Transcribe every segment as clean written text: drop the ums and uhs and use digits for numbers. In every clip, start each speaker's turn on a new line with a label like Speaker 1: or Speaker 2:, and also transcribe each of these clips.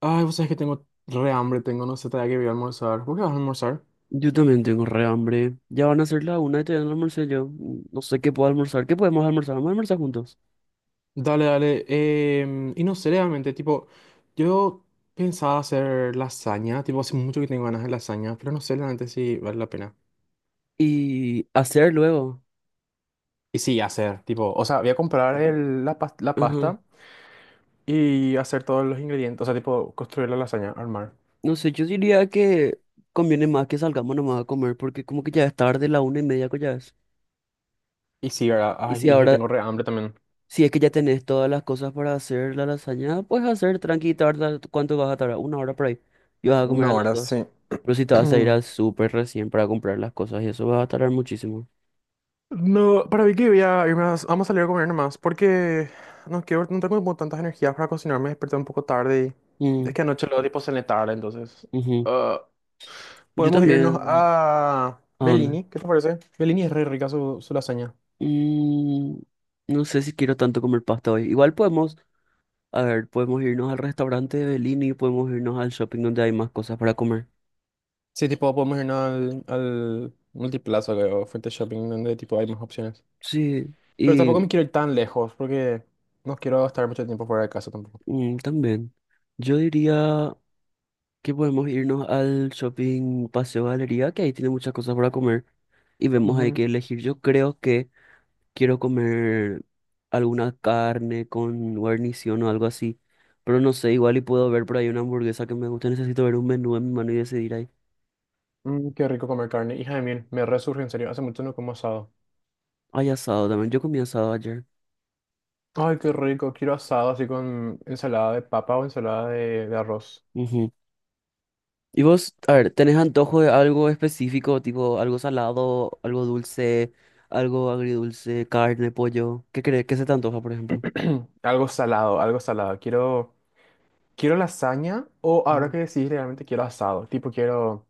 Speaker 1: Ay, vos sabés que tengo re hambre, tengo, no sé, todavía que voy a almorzar. ¿Por qué vas a almorzar?
Speaker 2: Yo también tengo re hambre. Ya van a ser la una y todavía no almorcé yo. No sé qué puedo almorzar. ¿Qué podemos almorzar? Vamos a almorzar juntos.
Speaker 1: Dale, dale. Y no sé, realmente, tipo, yo pensaba hacer lasaña, tipo, hace mucho que tengo ganas de lasaña, pero no sé realmente si vale la pena.
Speaker 2: Y hacer luego.
Speaker 1: Y sí, hacer, tipo, o sea, voy a comprar la
Speaker 2: Ajá.
Speaker 1: pasta y hacer todos los ingredientes, o sea, tipo, construir la lasaña, armar.
Speaker 2: No sé, yo diría que conviene más que salgamos nomás a comer porque como que ya es tarde, la una y media que ya es.
Speaker 1: Y sí, ¿verdad?
Speaker 2: Y
Speaker 1: Ay,
Speaker 2: si
Speaker 1: y es que
Speaker 2: ahora,
Speaker 1: tengo re hambre también.
Speaker 2: si es que ya tenés todas las cosas para hacer la lasaña, pues hacer tranqui, tarda, ¿cuánto vas a tardar? Una hora por ahí. Y vas a comer
Speaker 1: No,
Speaker 2: a las
Speaker 1: ahora
Speaker 2: dos.
Speaker 1: sí.
Speaker 2: Pero si te vas a ir al súper recién para comprar las cosas y eso va a tardar muchísimo.
Speaker 1: No, para mí que voy a irme vamos a salir a comer nomás, porque no quiero, no tengo como tantas energías para cocinar, me desperté un poco tarde y es
Speaker 2: Mm,
Speaker 1: que anoche luego tipo cené tarde, entonces
Speaker 2: ujú.
Speaker 1: ah,
Speaker 2: Yo
Speaker 1: podemos irnos
Speaker 2: también.
Speaker 1: a
Speaker 2: ¿A dónde?
Speaker 1: Bellini, ¿qué te parece? Bellini es re rica su lasaña.
Speaker 2: Mm, no sé si quiero tanto comer pasta hoy. Igual podemos, a ver, podemos irnos al restaurante de Bellini, podemos irnos al shopping donde hay más cosas para comer.
Speaker 1: Sí, tipo podemos irnos al Multiplaza, creo, frente al shopping, donde tipo hay más opciones.
Speaker 2: Sí,
Speaker 1: Pero tampoco
Speaker 2: y
Speaker 1: me quiero ir tan lejos, porque no quiero estar mucho tiempo fuera de casa tampoco.
Speaker 2: mm, también. Yo diría que podemos irnos al shopping Paseo Galería, que ahí tiene muchas cosas para comer y vemos ahí
Speaker 1: Ujú.
Speaker 2: que elegir. Yo creo que quiero comer alguna carne con guarnición o algo así, pero no sé, igual y puedo ver por ahí una hamburguesa que me gusta. Necesito ver un menú en mi mano y decidir ahí.
Speaker 1: Mm, qué rico comer carne, hija de mil, me resurge en serio, hace mucho no como asado.
Speaker 2: Hay asado también. Yo comí asado ayer.
Speaker 1: Ay, qué rico. Quiero asado así con ensalada de papa o ensalada de arroz.
Speaker 2: Ujú. ¿Y vos, a ver, tenés antojo de algo específico, tipo algo salado, algo dulce, algo agridulce, carne, pollo? ¿Qué crees? ¿Qué se te antoja, por ejemplo?
Speaker 1: Algo salado, algo salado. Quiero, quiero lasaña o ahora
Speaker 2: Mm,
Speaker 1: que decís, realmente quiero asado. Tipo, quiero,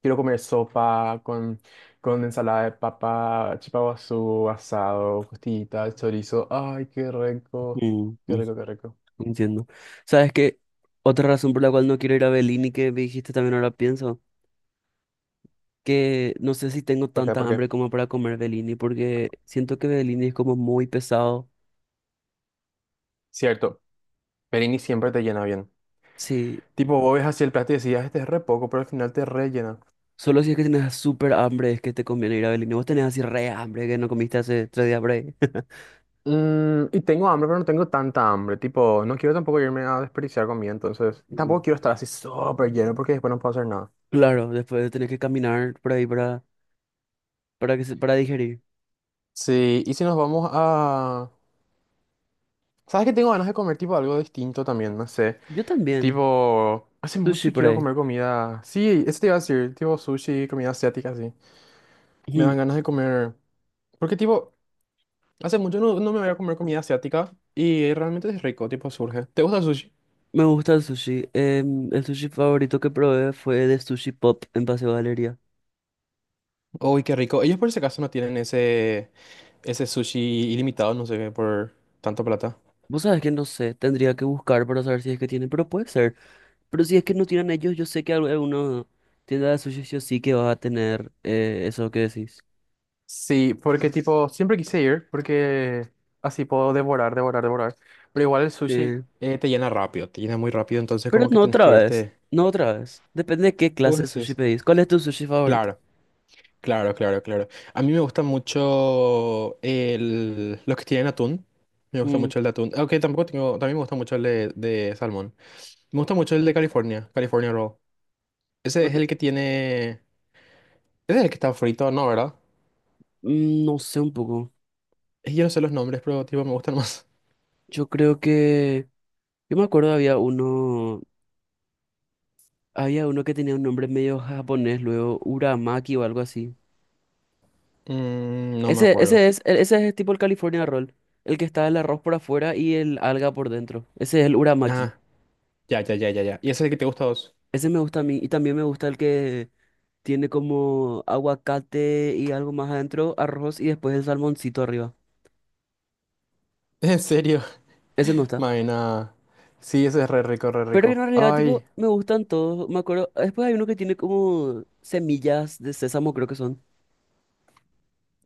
Speaker 1: quiero comer sopa con ensalada de papa, chipaguazú, asado, costillita, chorizo. Ay, qué rico.
Speaker 2: mm,
Speaker 1: Qué
Speaker 2: mm,
Speaker 1: rico, qué rico.
Speaker 2: entiendo. ¿Sabes qué? Otra razón por la cual no quiero ir a Bellini, que me dijiste también ahora pienso, que no sé si tengo
Speaker 1: ¿Por qué?
Speaker 2: tanta
Speaker 1: ¿Por qué?
Speaker 2: hambre como para comer Bellini, porque siento que Bellini es como muy pesado.
Speaker 1: Cierto, Perini siempre te llena bien.
Speaker 2: Sí,
Speaker 1: Tipo, vos ves hacia el plato y decías, este es re poco, pero al final te rellena.
Speaker 2: solo si es que tenés súper hambre es que te conviene ir a Belén. Y vos tenés así re hambre que no comiste hace tres días por ahí.
Speaker 1: Mm, y tengo hambre, pero no tengo tanta hambre. Tipo, no quiero tampoco irme a desperdiciar comida, entonces. Y
Speaker 2: Mm.
Speaker 1: tampoco quiero estar así súper lleno porque después no puedo hacer nada.
Speaker 2: Claro, después tenés que caminar por ahí para, para digerir.
Speaker 1: Sí, y si nos vamos a. ¿Sabes que tengo ganas de comer tipo algo distinto también? No sé.
Speaker 2: Yo también.
Speaker 1: Tipo, hace
Speaker 2: Sushi
Speaker 1: mucho
Speaker 2: por
Speaker 1: quiero
Speaker 2: ahí.
Speaker 1: comer comida. Sí, eso te iba a decir. Tipo sushi, comida asiática, sí. Me dan
Speaker 2: Ujú.
Speaker 1: ganas de comer. Porque tipo, hace mucho no, no me voy a comer comida asiática y realmente es rico, tipo surge. ¿Te gusta el sushi?
Speaker 2: Me gusta el sushi. El sushi favorito que probé fue de Sushi Pop en Paseo Galería.
Speaker 1: Uy, qué rico. Ellos por si acaso no tienen ese. Ese sushi ilimitado, no sé qué, por tanta plata.
Speaker 2: Vos sabés que no sé, tendría que buscar para saber si es que tienen, pero puede ser. Pero si es que no tienen ellos, yo sé que alguna tienda de sushi sí o sí que va a tener eso que decís.
Speaker 1: Sí, porque tipo, siempre quise ir, porque así puedo devorar, devorar, devorar. Pero igual el sushi,
Speaker 2: Sí.
Speaker 1: Te llena rápido, te llena muy rápido, entonces
Speaker 2: Pero
Speaker 1: como que
Speaker 2: no
Speaker 1: tienes
Speaker 2: otra
Speaker 1: que
Speaker 2: vez,
Speaker 1: irte.
Speaker 2: no otra vez. Depende de qué
Speaker 1: Vos
Speaker 2: clase de sushi
Speaker 1: decís.
Speaker 2: pedís. ¿Cuál es tu sushi favorito?
Speaker 1: Claro, claro, claro, claro. A mí me gusta mucho los que tienen atún. Me gusta
Speaker 2: Mm,
Speaker 1: mucho el de atún. Aunque tampoco tengo, también me gusta mucho el de salmón. Me gusta mucho el de California, California Roll. Ese
Speaker 2: no
Speaker 1: es
Speaker 2: te-
Speaker 1: el que tiene... Ese es el que está frito, ¿no? ¿Verdad?
Speaker 2: no sé un poco.
Speaker 1: Yo no sé los nombres, pero tipo me gustan más.
Speaker 2: Yo creo que... Yo me acuerdo había uno... Había uno que tenía un nombre medio japonés, luego Uramaki o algo así.
Speaker 1: Mm, no me
Speaker 2: Ese,
Speaker 1: acuerdo.
Speaker 2: ese es, ese es tipo el California Roll. El que está el arroz por afuera y el alga por dentro. Ese es el Uramaki.
Speaker 1: Ah, ya, ya, ya, ya, ya. ¿Y ese es el que te gusta a vos?
Speaker 2: Ese me gusta a mí. Y también me gusta el que tiene como aguacate y algo más adentro, arroz y después el salmoncito arriba.
Speaker 1: ¿En serio?
Speaker 2: Ese me gusta.
Speaker 1: Maena. Sí, ese es re rico, re
Speaker 2: Pero en
Speaker 1: rico.
Speaker 2: realidad,
Speaker 1: Ay,
Speaker 2: tipo, me gustan todos. Me acuerdo, después hay uno que tiene como semillas de sésamo, creo que son.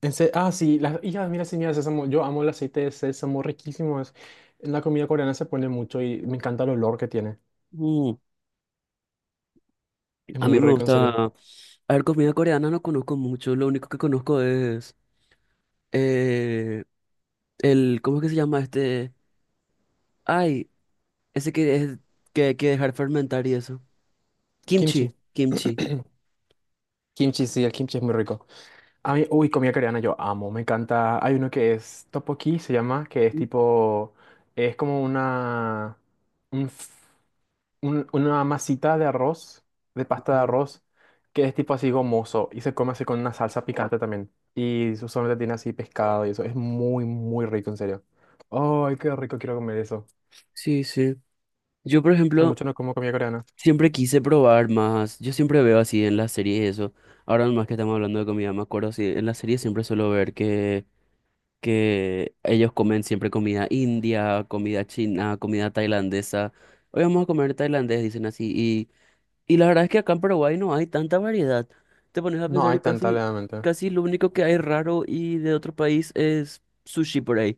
Speaker 1: en se ah, sí, las hijas, mira, sí, mira, sésamo. Yo amo el aceite de sésamo, riquísimo es. En la comida coreana se pone mucho y me encanta el olor que tiene.
Speaker 2: Mm,
Speaker 1: Es
Speaker 2: A mí
Speaker 1: muy
Speaker 2: me
Speaker 1: rico, en serio.
Speaker 2: gusta. A ver, comida coreana no conozco mucho. Lo único que conozco es eh, el, ¿cómo es que se llama este? Ay, ese que es que hay que dejar fermentar y eso.
Speaker 1: Kimchi.
Speaker 2: Kimchi, kimchi.
Speaker 1: Kimchi, sí, el kimchi es muy rico. A mí, uy, comida coreana yo amo, me encanta. Hay uno que es tteokbokki, se llama, que es tipo, es como una... un una masita de arroz, de pasta de
Speaker 2: Ujú.
Speaker 1: arroz, que es tipo así gomoso y se come así con una salsa picante también. Y usualmente tiene así pescado y eso. Es muy, muy rico, en serio. Ay, qué rico quiero comer eso.
Speaker 2: Sí, sí. Yo, por
Speaker 1: Hace
Speaker 2: ejemplo,
Speaker 1: mucho no como comida coreana.
Speaker 2: siempre quise probar más. Yo siempre veo así en las series eso. Ahora más que estamos hablando de comida, me acuerdo así, en las series siempre suelo ver que ellos comen siempre comida india, comida china, comida tailandesa. Hoy vamos a comer tailandés, dicen así. Y la verdad es que acá en Paraguay no hay tanta variedad. Te pones a
Speaker 1: No
Speaker 2: pensar
Speaker 1: hay
Speaker 2: y
Speaker 1: tanta,
Speaker 2: casi,
Speaker 1: realmente.
Speaker 2: casi lo único que hay raro y de otro país es sushi por ahí.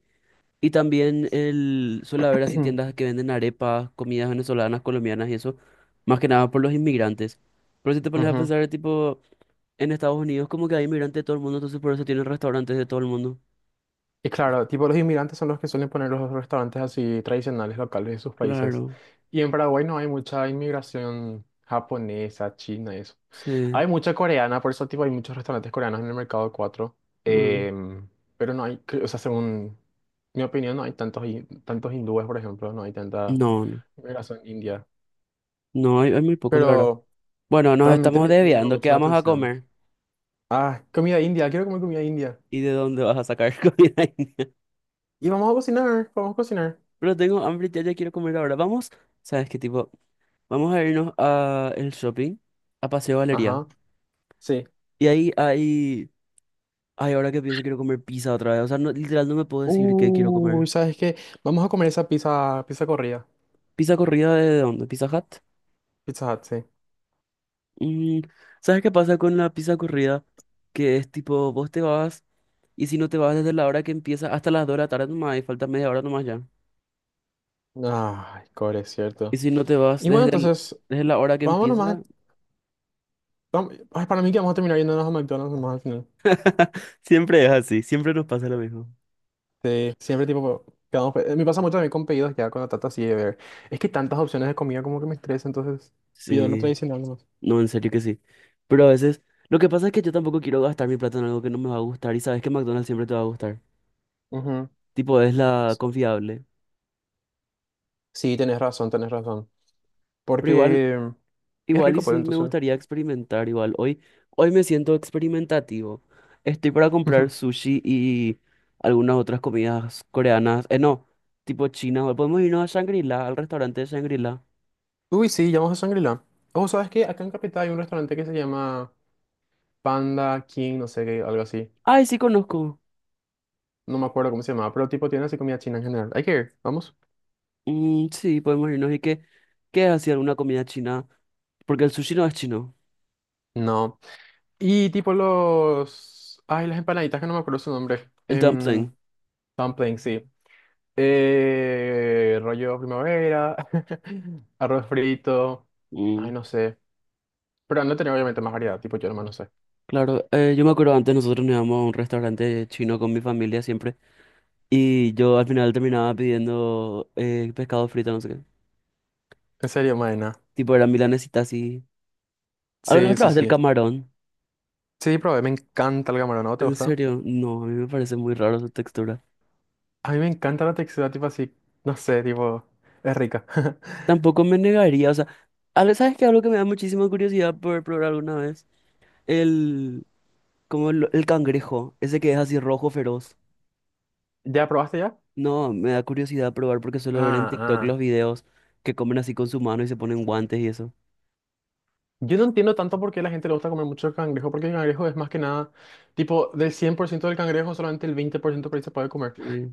Speaker 2: Y también el, suele haber así tiendas que venden arepas, comidas venezolanas, colombianas y eso, más que nada por los inmigrantes. Pero si te pones a
Speaker 1: Ujú.
Speaker 2: pensar, tipo, en Estados Unidos como que hay inmigrantes de todo el mundo, entonces por eso tienen restaurantes de todo el mundo.
Speaker 1: Y claro, tipo los inmigrantes son los que suelen poner los restaurantes así tradicionales locales de sus países.
Speaker 2: Claro.
Speaker 1: Y en Paraguay no hay mucha inmigración japonesa, china y eso.
Speaker 2: Sí.
Speaker 1: Hay mucha coreana, por eso tipo, hay muchos restaurantes coreanos en el mercado 4
Speaker 2: Mm.
Speaker 1: em, pero no hay, o sea, según mi opinión, no hay tantos, tantos hindúes, por ejemplo, no hay tanta
Speaker 2: No, no,
Speaker 1: migración india.
Speaker 2: no, hay muy poco, la verdad.
Speaker 1: Pero
Speaker 2: Bueno, nos
Speaker 1: realmente
Speaker 2: estamos
Speaker 1: me llama
Speaker 2: desviando. ¿Qué
Speaker 1: mucho la
Speaker 2: vamos a
Speaker 1: atención.
Speaker 2: comer?
Speaker 1: Ah, comida india, quiero comer comida india.
Speaker 2: ¿Y de dónde vas a sacar comida india?
Speaker 1: Y vamos a cocinar, vamos a cocinar.
Speaker 2: Pero tengo hambre, ya, ya quiero comer ahora. Vamos, ¿sabes qué tipo? Vamos a irnos a el shopping, a Paseo Galería.
Speaker 1: Ajá, sí.
Speaker 2: Y ahí, ahí, ay, ahora que pienso, quiero comer pizza otra vez. O sea, no, literal, no me puedo decir qué quiero
Speaker 1: Uy,
Speaker 2: comer.
Speaker 1: ¿sabes qué? Vamos a comer esa pizza, pizza corrida.
Speaker 2: ¿Pizza corrida de dónde? ¿Pizza Hut?
Speaker 1: Pizza Hut, sí.
Speaker 2: Mm, ¿Sabes qué pasa con la pizza corrida? Que es tipo, vos te vas. Y si no te vas desde la hora que empieza hasta las 2 de la tarde nomás, y falta media hora nomás ya.
Speaker 1: Ay, core, es
Speaker 2: Y
Speaker 1: cierto.
Speaker 2: si no te vas
Speaker 1: Y bueno, entonces,
Speaker 2: desde la hora que
Speaker 1: vámonos más.
Speaker 2: empieza,
Speaker 1: Ay, para mí que vamos a terminar yéndonos a McDonald's nomás al final.
Speaker 2: siempre es así, siempre nos pasa lo mismo.
Speaker 1: Sí, siempre tipo, quedamos, me pasa mucho también con pedidos ya cuando trato así de ver. Es que tantas opciones de comida como que me estresa, entonces pido lo
Speaker 2: Sí,
Speaker 1: tradicional nomás.
Speaker 2: no, en serio que sí. Pero a veces, lo que pasa es que yo tampoco quiero gastar mi plata en algo que no me va a gustar y sabes que McDonald's siempre te va a gustar.
Speaker 1: Ujú.
Speaker 2: Tipo, es la confiable.
Speaker 1: Sí, tenés razón, tenés razón.
Speaker 2: Pero igual
Speaker 1: Porque es
Speaker 2: Igual y
Speaker 1: rico, pues
Speaker 2: sí me
Speaker 1: entonces.
Speaker 2: gustaría experimentar igual. Hoy, hoy me siento experimentativo. Estoy para comprar sushi y algunas otras comidas coreanas. No, tipo china. O podemos irnos a Shangri-La, al restaurante de Shangri-La.
Speaker 1: Uy, sí, llamamos a Shangri-La. Oh, ¿sabes qué? Acá en Capital hay un restaurante que se llama Panda King, no sé qué, algo así.
Speaker 2: Ay, sí conozco.
Speaker 1: No me acuerdo cómo se llama, pero tipo tiene así comida china en general. Hay que ir, vamos.
Speaker 2: Mm, sí, podemos irnos. ¿Y qué, qué es así alguna comida china? Porque el sushi no es chino.
Speaker 1: No. Y tipo los... Ay, las empanaditas que no me acuerdo su nombre.
Speaker 2: El dumpling.
Speaker 1: Dumpling, sí. Rollo primavera, arroz frito. Ay,
Speaker 2: Mm,
Speaker 1: no sé. Pero no tenía obviamente más variedad, tipo yo nomás no sé.
Speaker 2: claro, yo me acuerdo antes nosotros nos íbamos a un restaurante chino con mi familia siempre. Y yo al final terminaba pidiendo pescado frito, no sé qué.
Speaker 1: En serio, maena.
Speaker 2: Tipo, era milanesita así. ¿Alguna vez
Speaker 1: Sí, sí,
Speaker 2: probaste el
Speaker 1: sí.
Speaker 2: camarón?
Speaker 1: Sí, probé, me encanta el camarón, ¿no te
Speaker 2: ¿En
Speaker 1: gusta?
Speaker 2: serio? No, a mí me parece muy raro su textura.
Speaker 1: A mí me encanta la textura, tipo así, no sé, tipo, es rica.
Speaker 2: Tampoco me negaría, o sea, ¿sabes qué? Algo que me da muchísima curiosidad por probar alguna vez. El, como el cangrejo, ese que es así rojo feroz.
Speaker 1: ¿Ya probaste ya?
Speaker 2: No, me da curiosidad probar porque suelo ver en
Speaker 1: Ah,
Speaker 2: TikTok los
Speaker 1: ah.
Speaker 2: videos que comen así con su mano y se ponen guantes y eso.
Speaker 1: Yo no entiendo tanto por qué a la gente le gusta comer mucho el cangrejo, porque el cangrejo es más que nada, tipo, del 100% del cangrejo, solamente el 20% por ciento por ahí se puede comer.
Speaker 2: Eh,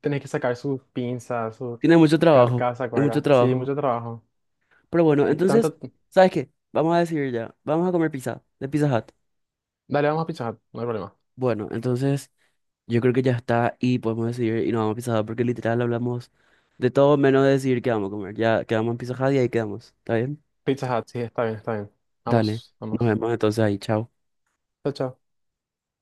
Speaker 1: Tenés que sacar sus pinzas, su
Speaker 2: tiene mucho trabajo,
Speaker 1: carcasa,
Speaker 2: hay
Speaker 1: ¿cuál
Speaker 2: mucho
Speaker 1: era? Sí,
Speaker 2: trabajo.
Speaker 1: mucho trabajo.
Speaker 2: Pero bueno,
Speaker 1: Y
Speaker 2: entonces,
Speaker 1: tanto...
Speaker 2: ¿sabes qué? Vamos a decidir ya, vamos a comer pizza, de Pizza Hut.
Speaker 1: Dale, vamos a Pizza Hut, no hay problema.
Speaker 2: Bueno, entonces... Yo creo que ya está y podemos decidir y nos vamos a Pizza Hut porque literal hablamos de todo menos de decidir qué vamos a comer. Ya quedamos en Pizza Hut y ahí quedamos. ¿Está bien?
Speaker 1: Pizza Hut, sí, está bien, está bien.
Speaker 2: Dale.
Speaker 1: Vamos,
Speaker 2: Nos
Speaker 1: vamos.
Speaker 2: vemos entonces ahí. Chao.
Speaker 1: Chao, chao.